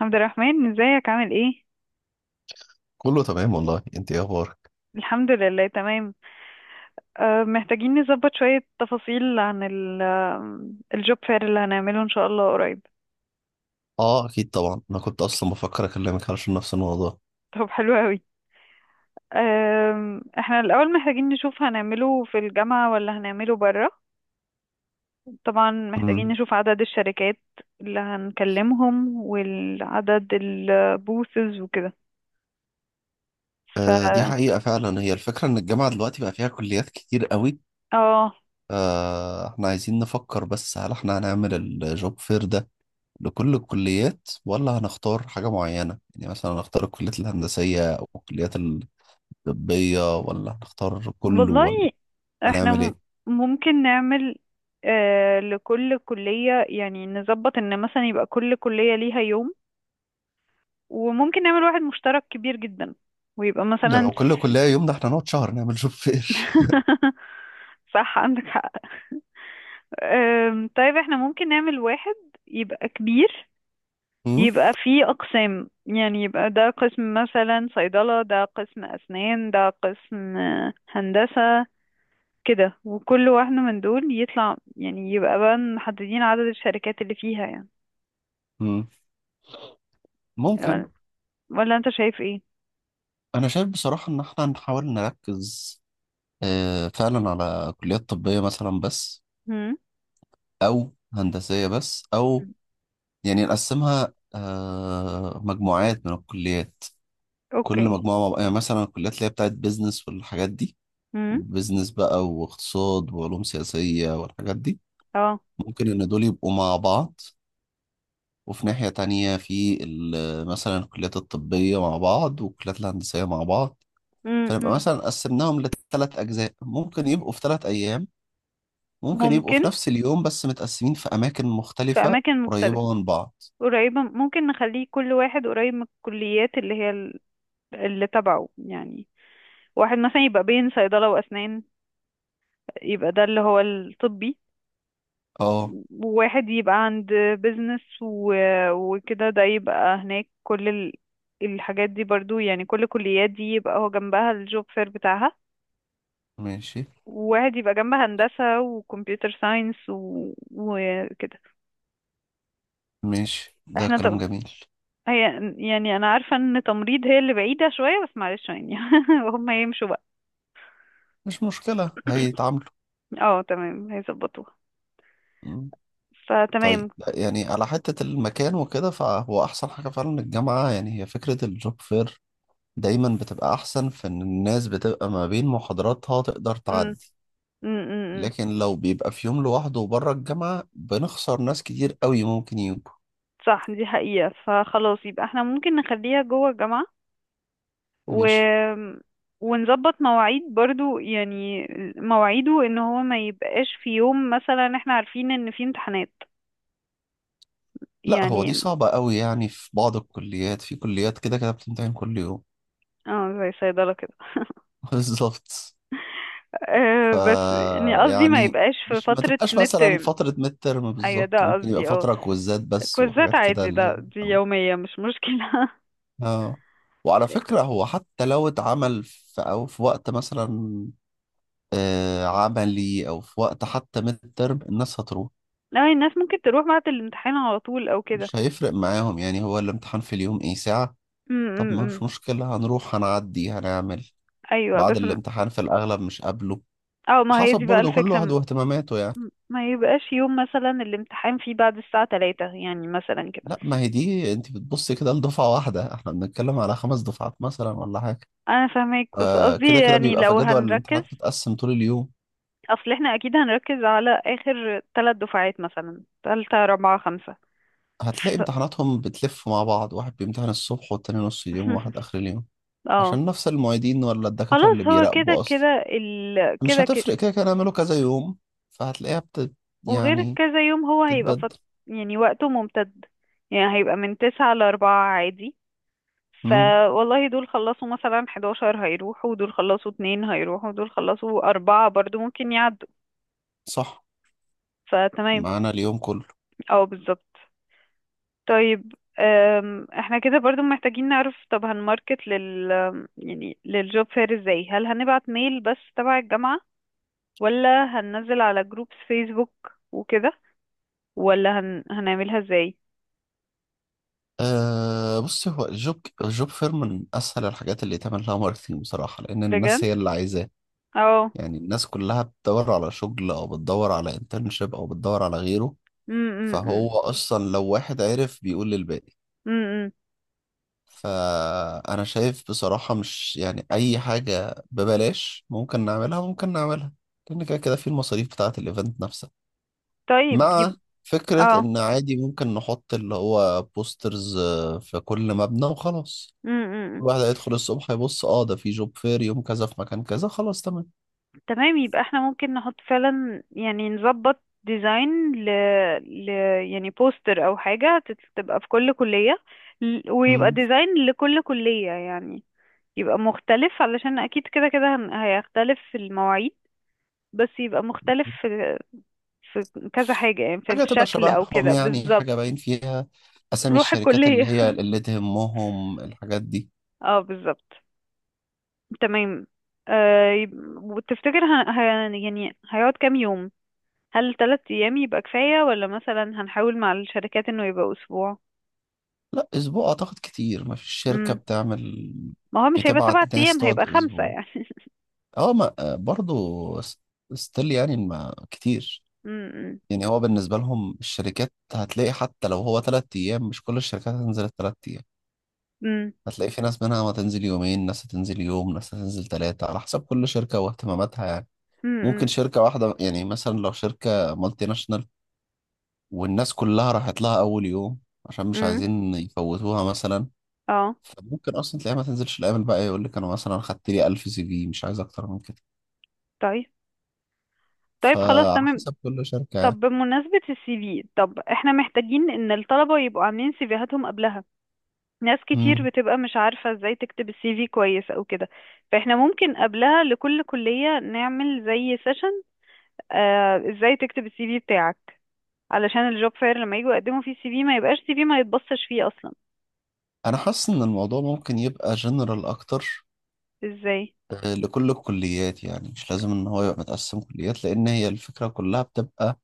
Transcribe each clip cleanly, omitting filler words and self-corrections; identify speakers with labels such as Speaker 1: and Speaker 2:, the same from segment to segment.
Speaker 1: عبد الرحمن، ازيك؟ عامل ايه؟
Speaker 2: كله تمام والله، انت ايه اخبارك؟
Speaker 1: الحمد لله تمام. محتاجين نظبط شوية تفاصيل عن الجوب فير اللي هنعمله ان شاء الله قريب.
Speaker 2: اه اكيد طبعا، انا كنت اصلا بفكر اكلمك علشان نفس الموضوع.
Speaker 1: طب، حلو قوي. احنا الاول محتاجين نشوف هنعمله في الجامعة ولا هنعمله برا. طبعا محتاجين
Speaker 2: امم
Speaker 1: نشوف عدد الشركات اللي هنكلمهم والعدد البوثز وكده. ف
Speaker 2: آه دي حقيقة، فعلا هي الفكرة ان الجامعة دلوقتي بقى فيها كليات كتير قوي.
Speaker 1: اه
Speaker 2: احنا عايزين نفكر، بس هل احنا هنعمل الجوب فير ده لكل الكليات، ولا هنختار حاجة معينة؟ يعني مثلا هنختار الكليات الهندسية او الكليات الطبية، ولا هنختار كله،
Speaker 1: والله
Speaker 2: ولا
Speaker 1: احنا
Speaker 2: هنعمل ايه؟
Speaker 1: ممكن نعمل لكل كلية، يعني نظبط ان مثلا يبقى كل كلية ليها يوم، وممكن نعمل واحد مشترك كبير جدا، ويبقى
Speaker 2: ده
Speaker 1: مثلا…
Speaker 2: لو كل كلية يوم، ده احنا نقعد شهر نعمل جوب فير.
Speaker 1: صح، عندك حق. طيب احنا ممكن نعمل واحد يبقى كبير،
Speaker 2: مم؟
Speaker 1: يبقى فيه أقسام. يعني يبقى ده قسم مثلا صيدلة، ده قسم أسنان، ده قسم هندسة، كده. وكل واحدة من دول يطلع، يعني يبقى بقى محددين عدد الشركات اللي فيها يعني.
Speaker 2: مم. ممكن.
Speaker 1: ولا انت شايف ايه؟
Speaker 2: أنا شايف بصراحة إن إحنا نحاول نركز فعلا على كليات طبية مثلا بس،
Speaker 1: هم.
Speaker 2: أو هندسية بس، أو يعني نقسمها مجموعات من الكليات. كل
Speaker 1: اوكي.
Speaker 2: مجموعة يعني مثلا الكليات اللي هي بتاعت بيزنس والحاجات دي،
Speaker 1: هم.
Speaker 2: بيزنس بقى واقتصاد وعلوم سياسية والحاجات دي،
Speaker 1: اه.
Speaker 2: ممكن إن دول يبقوا مع بعض. وفي ناحية تانية في مثلا الكليات الطبية مع بعض والكليات الهندسية مع بعض.
Speaker 1: هم،
Speaker 2: فنبقى
Speaker 1: هم.
Speaker 2: مثلا قسمناهم لثلاث أجزاء، ممكن يبقوا في ثلاث أيام، ممكن يبقوا
Speaker 1: ممكن
Speaker 2: في نفس اليوم بس متقسمين في أماكن
Speaker 1: في
Speaker 2: مختلفة
Speaker 1: اماكن مختلفة
Speaker 2: قريبة من بعض.
Speaker 1: قريبة. ممكن نخليه كل واحد قريب من الكليات اللي هي اللي تبعه يعني. واحد مثلا يبقى بين صيدلة واسنان، يبقى ده اللي هو الطبي.
Speaker 2: اه.
Speaker 1: واحد يبقى عند بيزنس وكده، ده يبقى هناك كل الحاجات دي برضو، يعني كل كليات دي يبقى هو جنبها الجوب فير بتاعها.
Speaker 2: ماشي.
Speaker 1: وواحد يبقى جنبها هندسة وكمبيوتر ساينس وكده.
Speaker 2: ده
Speaker 1: احنا
Speaker 2: كلام
Speaker 1: طب،
Speaker 2: جميل.
Speaker 1: هي يعني انا عارفة ان تمريض هي اللي بعيدة شوية، بس معلش يعني. هم يمشوا بقى.
Speaker 2: مش مشكلة، هيتعاملوا.
Speaker 1: اه تمام، هيظبطوها.
Speaker 2: مم.
Speaker 1: فتمام.
Speaker 2: طيب لا، يعني على حتة المكان وكده، فهو أحسن حاجة فعلا الجامعة. يعني هي فكرة الجوب فير دايما بتبقى أحسن، في إن الناس بتبقى ما بين محاضراتها تقدر
Speaker 1: امم.
Speaker 2: تعدي.
Speaker 1: امم.
Speaker 2: لكن لو بيبقى في يوم لوحده وبره الجامعة، بنخسر ناس كتير قوي ممكن يجوا.
Speaker 1: صح، دي حقيقة. فخلاص، يبقى احنا ممكن نخليها جوه الجامعة و...
Speaker 2: ماشي.
Speaker 1: ونظبط مواعيد برضو، يعني مواعيده ان هو ما يبقاش في يوم مثلا احنا عارفين ان في امتحانات
Speaker 2: لا هو دي
Speaker 1: يعني.
Speaker 2: صعبة قوي، يعني في بعض الكليات، في كليات كده كده بتمتحن كل يوم.
Speaker 1: اه زي صيدلة كده.
Speaker 2: بالظبط. ف
Speaker 1: بس يعني قصدي ما
Speaker 2: يعني
Speaker 1: يبقاش في
Speaker 2: مش ما
Speaker 1: فترة
Speaker 2: تبقاش
Speaker 1: ميد
Speaker 2: مثلا
Speaker 1: ترم.
Speaker 2: فترة ميد ترم
Speaker 1: ايوه،
Speaker 2: بالظبط،
Speaker 1: ده
Speaker 2: ممكن يبقى
Speaker 1: قصدي. اه،
Speaker 2: فترة كويزات بس
Speaker 1: كوزات
Speaker 2: وحاجات كده
Speaker 1: عادي
Speaker 2: اللي
Speaker 1: ده،
Speaker 2: هي،
Speaker 1: دي
Speaker 2: أو
Speaker 1: يومية مش مشكلة.
Speaker 2: اه. وعلى فكرة هو حتى لو اتعمل في أو في وقت مثلا عملي، أو في وقت حتى ميد ترم الناس هتروح.
Speaker 1: لا، الناس ممكن تروح بعد الامتحان على طول او كده.
Speaker 2: مش هيفرق معاهم، يعني هو الامتحان في اليوم إيه ساعة؟
Speaker 1: م-
Speaker 2: طب
Speaker 1: م-
Speaker 2: ما
Speaker 1: م.
Speaker 2: مش مشكلة، هنروح هنعدي هنعمل.
Speaker 1: ايوه
Speaker 2: بعد
Speaker 1: بس
Speaker 2: الامتحان في الأغلب مش قابله.
Speaker 1: اه، ما هي
Speaker 2: وحسب
Speaker 1: دي بقى
Speaker 2: برضه كل
Speaker 1: الفكرة.
Speaker 2: واحد واهتماماته يعني.
Speaker 1: ما يبقاش يوم مثلا الامتحان فيه بعد الساعة 3 يعني، مثلا كده.
Speaker 2: لا ما هي دي، انت بتبصي كده لدفعة واحدة، احنا بنتكلم على خمس دفعات مثلا ولا حاجة.
Speaker 1: انا فاهمك، بس
Speaker 2: آه
Speaker 1: قصدي
Speaker 2: كده كده
Speaker 1: يعني
Speaker 2: بيبقى في
Speaker 1: لو
Speaker 2: جدول
Speaker 1: هنركز،
Speaker 2: الامتحانات متقسم طول اليوم.
Speaker 1: اصل احنا اكيد هنركز على اخر ثلاث دفعات، مثلا ثالثة رابعة خمسة.
Speaker 2: هتلاقي
Speaker 1: ف...
Speaker 2: امتحاناتهم بتلف مع بعض، واحد بيمتحن الصبح والتاني نص اليوم وواحد آخر اليوم،
Speaker 1: اه
Speaker 2: عشان نفس المعيدين ولا الدكاترة اللي
Speaker 1: خلاص، هو كده
Speaker 2: بيراقبوا أصلا.
Speaker 1: كده
Speaker 2: مش
Speaker 1: كده كده.
Speaker 2: هتفرق كده كده نعمله كذا يوم. فهتلاقيها بت
Speaker 1: وغير
Speaker 2: يعني
Speaker 1: كذا يوم هو هيبقى
Speaker 2: بتتبدل.
Speaker 1: يعني وقته ممتد، يعني هيبقى من تسعة لأربعة عادي.
Speaker 2: امم.
Speaker 1: فوالله دول خلصوا مثلا حداشر هيروحوا، ودول خلصوا اتنين هيروحوا، ودول خلصوا أربعة برضو ممكن يعدوا.
Speaker 2: صح.
Speaker 1: فتمام.
Speaker 2: معانا اليوم كله.
Speaker 1: اه، بالظبط. طيب. احنا كده برضو محتاجين نعرف، طب هنماركت لل، يعني للجوب فير ازاي؟ هل هنبعت ميل بس تبع الجامعة، ولا هننزل على جروبس فيسبوك وكده، ولا هنعملها ازاي؟
Speaker 2: أه بص، هو الجوب، الجوب فير من اسهل الحاجات اللي يتعمل لها ماركتنج بصراحه، لان
Speaker 1: بجد.
Speaker 2: الناس هي اللي عايزاه.
Speaker 1: اه.
Speaker 2: يعني الناس كلها بتدور على شغل، او بتدور على انترنشيب، او بتدور على غيره.
Speaker 1: م- م- م.
Speaker 2: فهو اصلا لو واحد عرف بيقول للباقي.
Speaker 1: م- م.
Speaker 2: فانا شايف بصراحه مش يعني اي حاجه ببلاش، ممكن نعملها، لان كده كده في المصاريف بتاعه الايفنت نفسها.
Speaker 1: طيب
Speaker 2: مع فكره
Speaker 1: اه.
Speaker 2: ان عادي ممكن نحط اللي هو بوسترز في كل مبنى وخلاص.
Speaker 1: م- م- م.
Speaker 2: الواحد هيدخل الصبح يبص، اه ده في جوب فير يوم كذا في مكان كذا، خلاص تمام.
Speaker 1: تمام. يبقى احنا ممكن نحط فعلا، يعني نظبط ديزاين ل... يعني بوستر او حاجة تبقى في كل كلية. ويبقى
Speaker 2: مم.
Speaker 1: ديزاين لكل كلية، يعني يبقى مختلف علشان اكيد كده كده هيختلف في المواعيد، بس يبقى مختلف في كذا حاجة، يعني في
Speaker 2: حاجة تبقى
Speaker 1: الشكل او
Speaker 2: شبههم،
Speaker 1: كده
Speaker 2: يعني
Speaker 1: بالظبط.
Speaker 2: حاجة باين فيها أسامي
Speaker 1: روح
Speaker 2: الشركات اللي
Speaker 1: الكلية.
Speaker 2: هي اللي تهمهم الحاجات دي.
Speaker 1: اه، بالظبط. تمام. وتفتكر يعني هيقعد كام يوم؟ هل ثلاث ايام يبقى كفاية، ولا مثلا هنحاول مع الشركات انه يبقى اسبوع؟
Speaker 2: لا أسبوع أعتقد كتير، ما فيش شركة
Speaker 1: امم.
Speaker 2: بتعمل،
Speaker 1: ما هو مش هيبقى سبعة
Speaker 2: بتبعت ناس
Speaker 1: ايام،
Speaker 2: تقعد
Speaker 1: هيبقى خمسة
Speaker 2: أسبوع.
Speaker 1: يعني.
Speaker 2: اه ما برضو ستيل يعني ما كتير.
Speaker 1: امم.
Speaker 2: يعني هو بالنسبة لهم الشركات، هتلاقي حتى لو هو تلات أيام مش كل الشركات هتنزل التلات أيام.
Speaker 1: امم.
Speaker 2: هتلاقي في ناس منها ما تنزل يومين، ناس هتنزل يوم، ناس هتنزل ثلاثة، على حسب كل شركة واهتماماتها يعني. ممكن
Speaker 1: امم.
Speaker 2: شركة واحدة يعني مثلا، لو شركة مالتي ناشونال والناس كلها راحت لها أول يوم، عشان مش
Speaker 1: امم.
Speaker 2: عايزين يفوتوها مثلا،
Speaker 1: اه.
Speaker 2: فممكن أصلا تلاقيها ما تنزلش الأيام الباقية، يقول لك أنا مثلا خدت لي 1000 سي في مش عايز أكتر من كده.
Speaker 1: طيب. طيب خلاص،
Speaker 2: فعلى
Speaker 1: تمام.
Speaker 2: حسب كل شركة يعني.
Speaker 1: طب بمناسبة السي في، طب احنا محتاجين ان الطلبة يبقوا عاملين سيفيهاتهم قبلها. ناس
Speaker 2: مم.
Speaker 1: كتير بتبقى مش عارفة ازاي تكتب السي في كويس او كده. فاحنا ممكن قبلها لكل كلية نعمل زي سيشن، ازاي تكتب السي في بتاعك، علشان الجوب فاير لما يجوا يقدموا فيه السي في، ما يبقاش سي في ما يتبصش فيه اصلا.
Speaker 2: أنا حاسس إن الموضوع ممكن يبقى جنرال أكتر،
Speaker 1: ازاي؟
Speaker 2: لكل الكليات. يعني مش لازم إن هو يبقى متقسم كليات، لأن هي الفكرة كلها بتبقى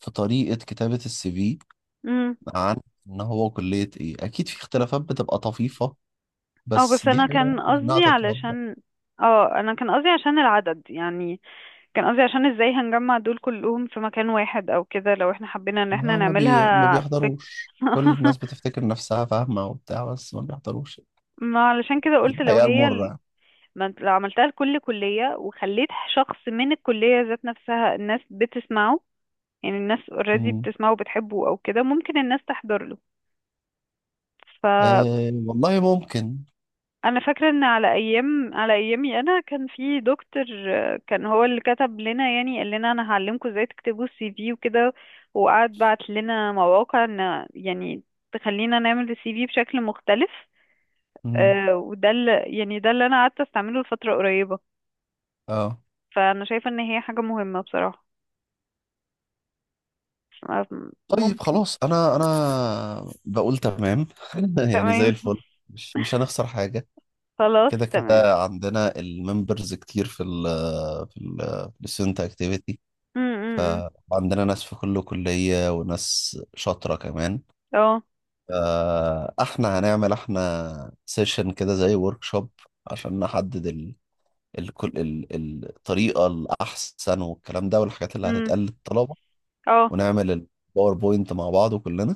Speaker 2: في طريقة كتابة السي في.
Speaker 1: امم.
Speaker 2: عن ان هو كلية ايه، اكيد في اختلافات بتبقى طفيفة،
Speaker 1: اه، بس
Speaker 2: بس دي
Speaker 1: انا
Speaker 2: حاجة
Speaker 1: كان
Speaker 2: ممكن انها
Speaker 1: قصدي
Speaker 2: تتوضح.
Speaker 1: علشان، اه انا كان قصدي عشان العدد يعني. كان قصدي عشان ازاي هنجمع دول كلهم في مكان واحد او كده، لو احنا حبينا ان احنا
Speaker 2: ما ما, ما
Speaker 1: نعملها في…
Speaker 2: بيحضروش. كل الناس بتفتكر نفسها فاهمة وبتاع بس ما بيحضروش.
Speaker 1: ما علشان كده
Speaker 2: دي
Speaker 1: قلت لو
Speaker 2: الحقيقة
Speaker 1: هي
Speaker 2: المرة يعني.
Speaker 1: ما انت لو عملتها لكل كلية، وخليت شخص من الكلية ذات نفسها، الناس بتسمعه. يعني الناس اوريدي
Speaker 2: مم.
Speaker 1: بتسمعه وبتحبه او كده، ممكن الناس تحضر له.
Speaker 2: آه والله ممكن.
Speaker 1: انا فاكره ان على ايامي انا كان في دكتور، كان هو اللي كتب لنا، يعني قال لنا انا هعلمكم ازاي تكتبوا السي في وكده. وقعد بعت لنا مواقع ان، يعني تخلينا نعمل السي في بشكل مختلف.
Speaker 2: مم.
Speaker 1: آه، وده اللي يعني ده اللي انا قعدت استعمله لفتره قريبه.
Speaker 2: اه.
Speaker 1: فانا شايفه ان هي حاجه مهمه بصراحه. ف-
Speaker 2: طيب
Speaker 1: ممكن.
Speaker 2: خلاص، انا انا بقول تمام. يعني زي
Speaker 1: تمام.
Speaker 2: الفل. مش هنخسر حاجة.
Speaker 1: خلاص،
Speaker 2: كده
Speaker 1: تمام.
Speaker 2: كده عندنا الممبرز كتير في في ال في الستودنت اكتيفيتي.
Speaker 1: م- م- م.
Speaker 2: عندنا ناس في كل كلية، وناس شاطرة كمان.
Speaker 1: اه.
Speaker 2: احنا هنعمل احنا سيشن كده زي ورك شوب، عشان نحدد الطريقة الأحسن والكلام ده والحاجات اللي
Speaker 1: م.
Speaker 2: هتتقال للطلبة.
Speaker 1: اه
Speaker 2: ونعمل الباوربوينت مع بعض كلنا.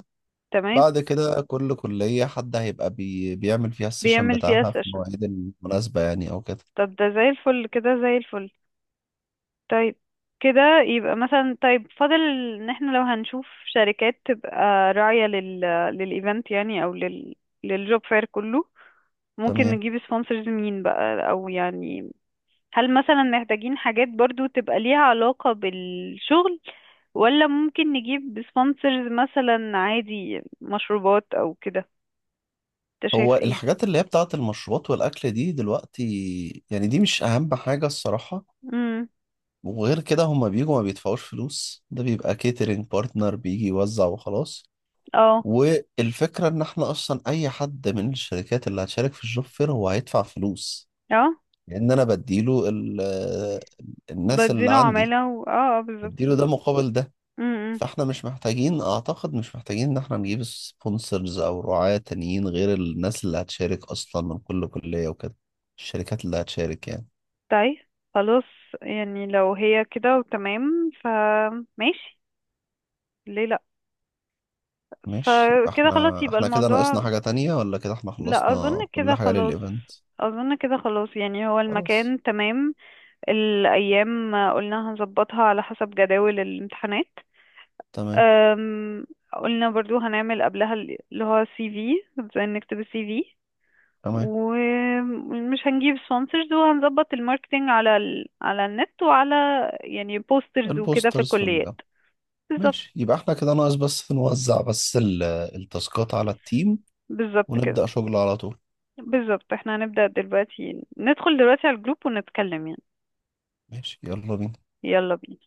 Speaker 1: تمام.
Speaker 2: بعد كده كل كلية حد هيبقى بيعمل فيها السيشن
Speaker 1: بيعمل فيها
Speaker 2: بتاعها في
Speaker 1: سيشن.
Speaker 2: المواعيد المناسبة يعني أو كده.
Speaker 1: طب ده زي الفل، كده زي الفل. طيب، كده يبقى مثلا، طيب فاضل ان احنا لو هنشوف شركات تبقى راعية لل، للايفنت يعني، او لل، للجوب فاير كله. ممكن
Speaker 2: تمام.
Speaker 1: نجيب سبونسرز مين بقى، او يعني هل مثلا محتاجين حاجات برضو تبقى ليها علاقة بالشغل، ولا ممكن نجيب سبونسرز مثلا عادي مشروبات او كده؟ انت
Speaker 2: هو
Speaker 1: شايف ايه؟
Speaker 2: الحاجات اللي هي بتاعة المشروبات والأكل دي دلوقتي، يعني دي مش أهم حاجة الصراحة.
Speaker 1: امم.
Speaker 2: وغير كده هما بيجوا ما بيدفعوش فلوس، ده بيبقى كيترينج بارتنر بيجي يوزع وخلاص.
Speaker 1: اه.
Speaker 2: والفكرة ان احنا اصلا اي حد من الشركات اللي هتشارك في الجوب فير هو هيدفع فلوس،
Speaker 1: اه
Speaker 2: لان انا بديله الناس اللي
Speaker 1: بديله
Speaker 2: عندي.
Speaker 1: عمالة اه اه،
Speaker 2: بديله ده
Speaker 1: بالظبط.
Speaker 2: مقابل ده.
Speaker 1: بالظبط.
Speaker 2: فاحنا مش محتاجين، اعتقد مش محتاجين ان احنا نجيب سبونسرز او رعاة تانيين غير الناس اللي هتشارك اصلا من كل كلية وكده، الشركات اللي هتشارك يعني.
Speaker 1: طيب خلاص، يعني لو هي كده وتمام فماشي، ليه لا.
Speaker 2: ماشي. يبقى
Speaker 1: فكده خلاص
Speaker 2: احنا
Speaker 1: يبقى
Speaker 2: كده ناقصنا
Speaker 1: الموضوع،
Speaker 2: حاجة تانية ولا كده احنا
Speaker 1: لا اظن
Speaker 2: خلصنا كل
Speaker 1: كده
Speaker 2: حاجة
Speaker 1: خلاص.
Speaker 2: للايفنت؟
Speaker 1: اظن كده خلاص. يعني هو
Speaker 2: خلاص.
Speaker 1: المكان تمام، الايام قلنا هنظبطها على حسب جداول الامتحانات.
Speaker 2: تمام.
Speaker 1: أم، قلنا برضو هنعمل قبلها اللي هو سي في، ازاي نكتب السي في،
Speaker 2: تمام.
Speaker 1: ومش هنجيب سبونسرز، وهنظبط الماركتينج على على النت، وعلى يعني بوسترز وكده في
Speaker 2: البوسترز في
Speaker 1: الكليات.
Speaker 2: الجامعة.
Speaker 1: بالظبط.
Speaker 2: ماشي، يبقى احنا كده ناقص بس نوزع بس التاسكات على التيم،
Speaker 1: بالظبط كده.
Speaker 2: ونبدأ شغل على طول.
Speaker 1: بالظبط، احنا هنبدأ دلوقتي، ندخل دلوقتي على الجروب ونتكلم يعني.
Speaker 2: ماشي يلا بينا.
Speaker 1: يلا بينا.